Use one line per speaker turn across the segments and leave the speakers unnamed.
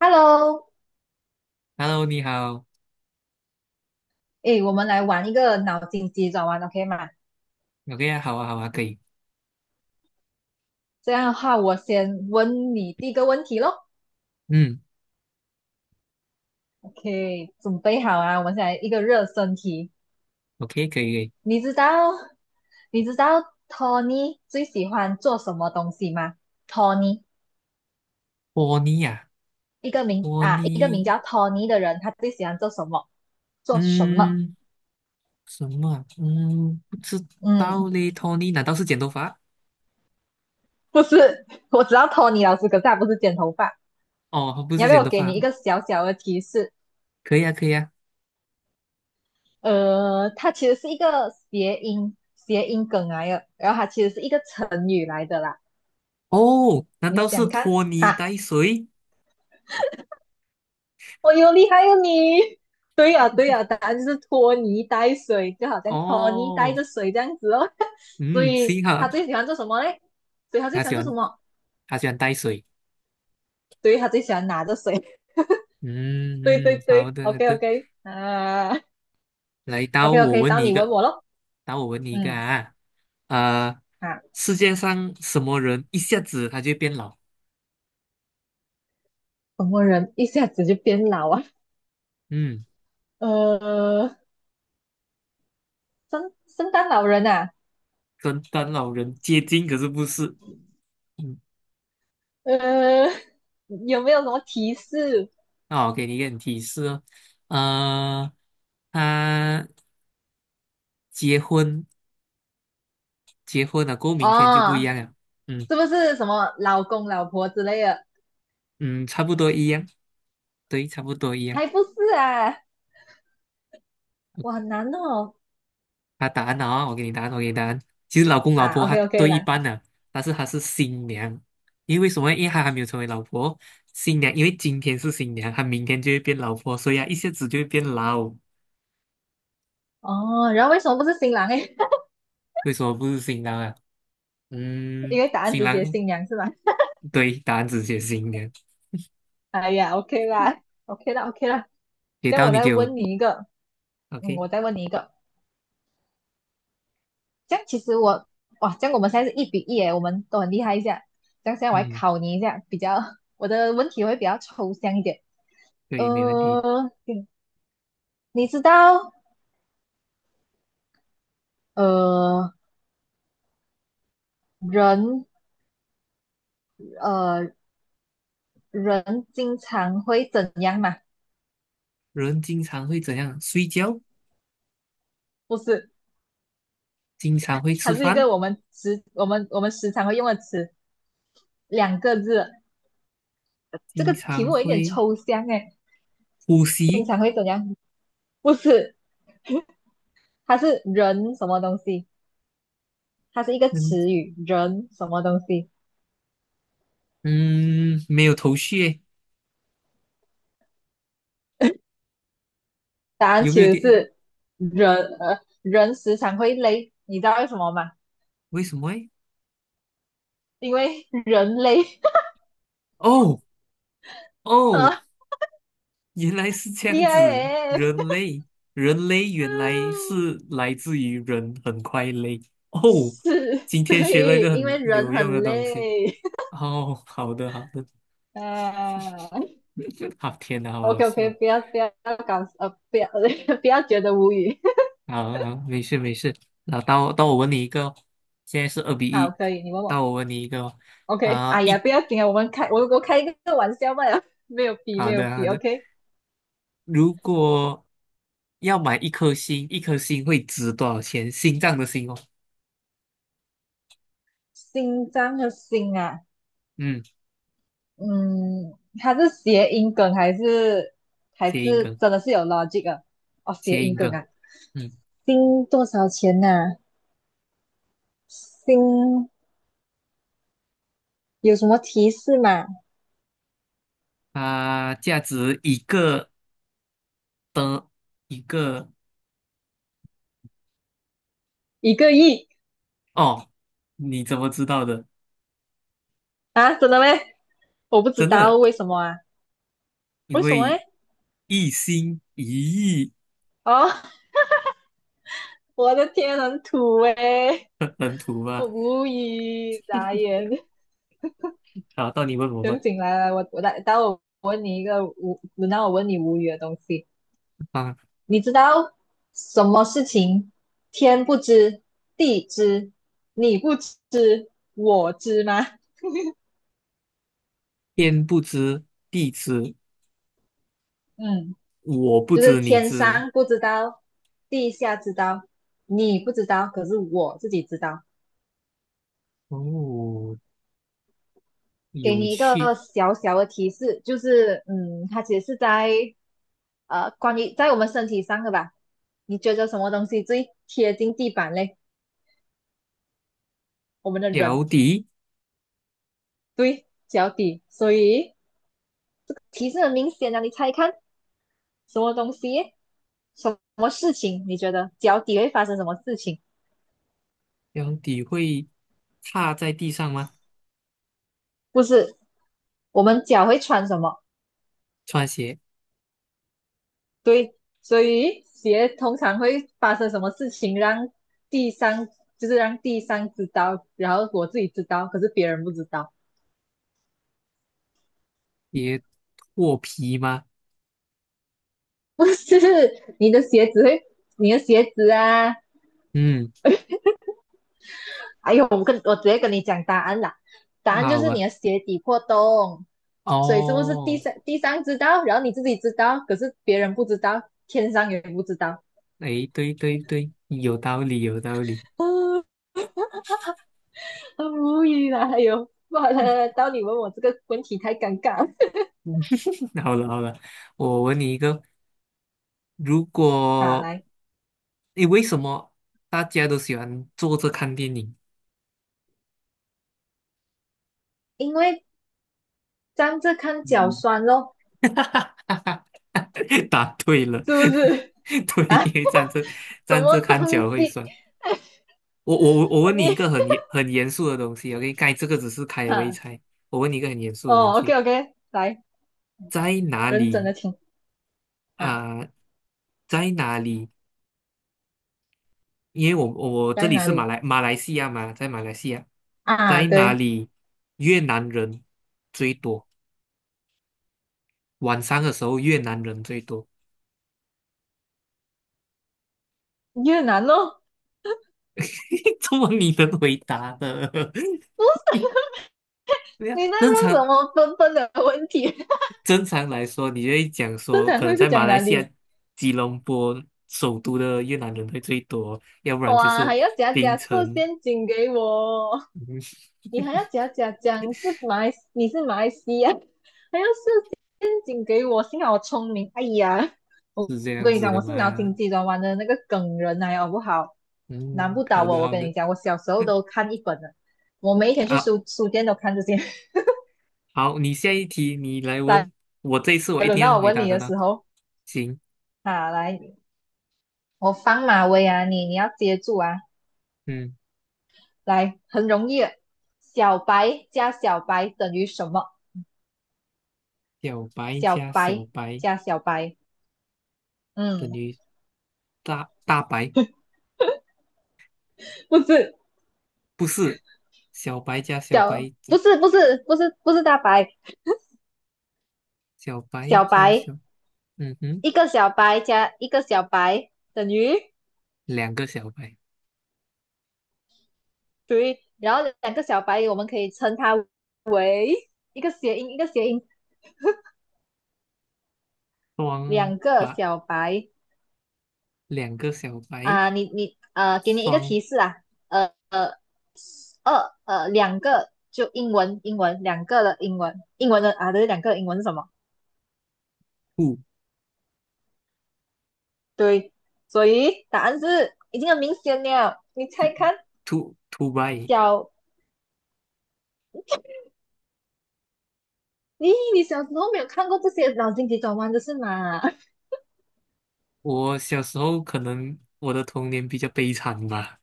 Hello，
Hello，你好。
诶，我们来玩一个脑筋急转弯，OK 吗？
OK 啊，好啊，好啊，可以。
这样的话，我先问你第一个问题咯。
嗯
OK，准备好啊？我们先来一个热身题。
，OK，可以，可以。
你知道，你知道， Tony 最喜欢做什么东西吗？Tony，
托尼呀、
一个名
托
啊，一个名
尼，
叫 Tony 的人，他最喜欢做什么？做什么？
嗯，什么啊？嗯，不知道
嗯，
嘞。托尼难道是剪头发？
不是，我知道 Tony 老师，可是他不是剪头发。
哦，不
你要
是
不要
剪
我
头
给你
发，
一个小小的提示？
可以啊，可以啊。
它其实是一个谐音梗来的，然后它其实是一个成语来的啦。
哦，难
你
道是
想看
托尼
哈？
带水？
我有厉害哦你！对呀、对呀、答案就是拖泥带水，就好像拖泥带
哦，
着水这样子哦。所
嗯，
以
幸哈，
他最喜欢做什么嘞？所以他最
他
喜欢
喜
做什
欢，
么？
他喜欢带水。
对，他最喜欢拿着水。
嗯
对对
嗯，好
对
的，好
，OK
的
OK，啊
来到
，OK
我
OK，
问
到
你一
你问
个，
我咯。
到我问你一个
嗯，
啊，呃，
啊，
世界上什么人一下子他就变老？
什么人一下子就变老啊？
嗯，
呃，圣诞老人啊。
跟当老人接近，可是不是。嗯，
呃，有没有什么提示？
那我给你一点提示哦，呃，他结婚结婚了，过后明天就不一
哦，
样了。嗯
是不是什么老公老婆之类的？
嗯，差不多一样，对，差不多一样。
还不是啊，我很难哦。
他答案啊、我给你答案，我给你答案。其实老公老
啊
婆他
，OK OK
对一
啦。
半的，但是他是新娘，因为为什么？因为他还没有成为老婆，新娘，因为今天是新娘，他明天就会变老婆，所以啊，一下子就会变老。
哦，然后为什么不是新郎诶？
为什么不是新郎啊？嗯，
因为答案
新
直
郎，
接新娘是吧？
对，答案只写新娘，
哎呀，OK 啦，OK 啦，OK 啦。
给
这样
到
我
你
再
给我
问你一个，嗯，
，OK,
我再问你一个。这样其实我，哇，这样我们现在是1-1诶，我们都很厉害一下。这样现在我来
嗯，
考你一下，我的问题会比较抽象一点。
对，没问题。
呃，你知道呃人呃人经常会怎样嘛？
人经常会怎样？睡觉，
不是，
经常会
它
吃
是一
饭，
个我们时常会用的词，两个字。这
经
个题目
常
有一点
会
抽象哎，
呼
经
吸，
常会怎样？不是，它是人什么东西？它是一个
嗯
词语，人什么东西？
嗯，没有头绪耶
答案
有没
其
有
实
点？
是人时常会累，你知道为什么吗？
为什么诶？
因为人累。
哦 哦，
啊，
原来是这
厉
样子。
害诶，
人类，人类原来
嗯，
是来自于人很快乐。哦，
是
今天学了一
对，
个
因
很
为
有
人
用的
很
东西。
累。
哦，好的好的，
呃
好天哪，好
，OK
好
OK，
笑。
不要 不要觉得无语。
好好，没事没事。那到我问你一个哦，现在是二比
好，
一。
可以，你问
到
我。
我问你一个哦，
OK，
啊、
哎呀，
一
不要紧啊，我们开我我开一个玩笑嘛了，没有比
好
没有
的好
比。
的。
OK，
如果要买一颗心，一颗心会值多少钱？心脏的心哦。
心脏和心啊，
嗯。
嗯，它是谐音梗还是还
谐音
是
梗，
真的是有 logic 的？哦，谐
谐
音
音
梗
梗，
啊，
嗯，
心多少钱呐、啊心有什么提示吗？
它价值一个的，一个
1个亿
哦，你怎么知道的？
啊？真的咩？我不知
真
道
的，
为什么啊？
因
为什么
为
诶？
一心一意
哦。我的天，很土诶，
很土
我
吧。
无语，傻眼。
好，到你问我
等
吧。
醒来来，我待会我问你一个无，轮到我问你无语的东西。
啊，
你知道什么事情天不知地知你不知我知吗？
天不知地知，
嗯，
我不
就是
知你
天
知吗？
上不知道，地下知道，你不知道，可是我自己知道。
哦，
给
有
你一个
趣。
小小的提示，就是它其实是关于在我们身体上的吧？你觉得什么东西最贴近地板嘞？我们的
脚
人，
底，
对，脚底。所以提示很明显啊，你猜看什么东西，什么事情？你觉得脚底会发生什么事情？
脚底会踏在地上吗？
不是，我们脚会穿什么？
穿鞋
对，所以鞋通常会发生什么事情让第三，就是让第三知道，然后我自己知道，可是别人不知道。
也脱皮吗？
不是你的鞋子会，你的鞋子啊，
嗯，
哎呦，我直接跟你讲答案啦，答
那
案就
好
是你
吧。
的鞋底破洞，所以是不是第
哦，
三第三知道，然后你自己知道，可是别人不知道，天上也不知道，
哎，对对对，有道理，有道理。
啊，很无语啦，哎呦，好了，到你问我这个问题太尴尬了
嗯 好了好了，我问你一个，如
啊，
果，
来。
哎，为什么大家都喜欢坐着看电影？
因为站着看脚
嗯，
酸咯，
答对了，
是不是？
对，
啊，
因为站着
什
站
么
着
东
看脚会
西？
酸。我
我
问
你
你一个很严肃的东西，OK,该这个只是开胃
啊，
菜。我问你一个很严肃的东
哦
西，
，OK OK，来，
在哪
认真
里
的听啊，
啊、在哪里因为我我这
在
里
哪
是马
里
来马来西亚嘛，在马来西亚，
啊？
在哪
对，
里越南人最多？晚上的时候越南人最多，
越南咯，
这么你能回答的？
不是，
对呀，
你在
正
问什
常
么笨笨的问题？
正常来说，你就会讲
正
说，
常
可能
会是
在马
讲
来
哪
西
里？
亚吉隆坡首都的越南人会最多，要不然就
哇，
是
还要假
槟
假设
城，
陷阱给我，
嗯，
你还要假假讲是你是马来西亚，还要请给我，幸好我聪明。哎呀，我
是这
我
样
跟你
子
讲，
的
我是脑
吗？
筋急转弯的那个梗人来哦，好不好？难
嗯，
不倒
好
我，
的
我
好
跟
的
你讲，我小时候都看一本的，我每一天去
啊，
书店都看这些。
好，你下一题你来
来，
问，我这一次我一
轮
定要
到我
回
问
答
你
得
的时
到。
候，
行，
啊，来，我放马威啊，你要接住啊，
嗯，
来，很容易的小白加小白等于什么？
小白
小
加
白
小白
加小白，
等
嗯，
于大大白，
不是
不是，小白加小白
不
等
是不是不是不是大白，
小白
小
加
白
小，嗯哼，
一个小白加一个小白等于
两个小白，
对，然后两个小白我们可以称它为一个谐音，
双
两个
白，
小白
两个小白，
啊、你，给你一个
双
提示啊，呃呃二呃两个就英文两个的英文的啊，对，两个的英文是什么？
兔
对，所以答案是已经很明显了，你
兔
猜看
兔兔白。
小。咦，你小时候没有看过这些脑筋急转弯的是吗？
我小时候可能我的童年比较悲惨吧，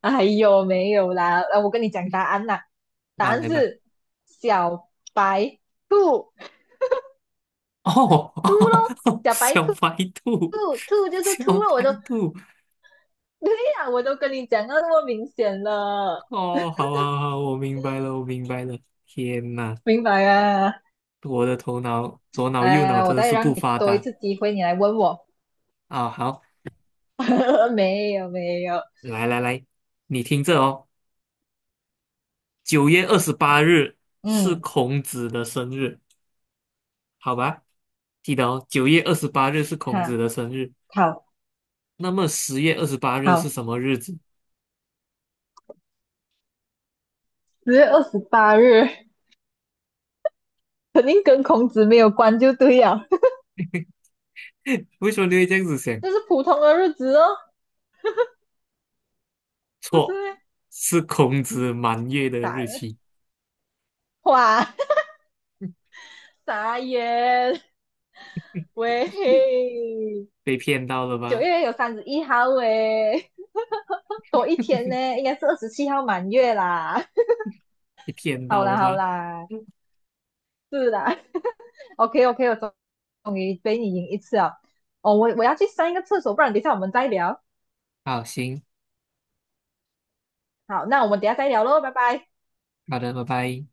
哎呦，没有啦，我跟你讲答案啦，答
啊，
案
来吧，
是小白兔，
哦，
兔咯，小白
小
兔，
白兔，
兔兔就是
小
兔咯，
白兔，
对呀、我都跟你讲到那么明显了，
哦，好好好，我明白了，我明白了，天哪！
明白啊？
我的头脑左脑
来
右
来
脑
来，我
真的
再
是
让
不
你
发
多一
达
次机会，你来问我，
啊！好，
没有没有，
来来来，你听着哦，九月二十八日是
嗯，
孔子的生日，好吧？记得哦，九月二十八日是孔子
好，
的生日。
好
那么10月28日是
好，
什么日子？
10月28日肯定跟孔子没有关就对了，
为什么你会这样子想？
这是普通的日子哦，不是
错，
咩？
是孔子满月的
打
日
了，
期。
哇！傻眼，喂，
被骗到了
九
吧？
月有31号诶，多一天呢，应该是27号满月啦。
被骗
好
到了
啦好
吧？
啦，是啦，OK OK，我终于被你赢一次了。哦，我要去上一个厕所，不然等一下我们再聊。
好，行，
好，那我们等一下再聊喽，拜拜。
好的，拜拜。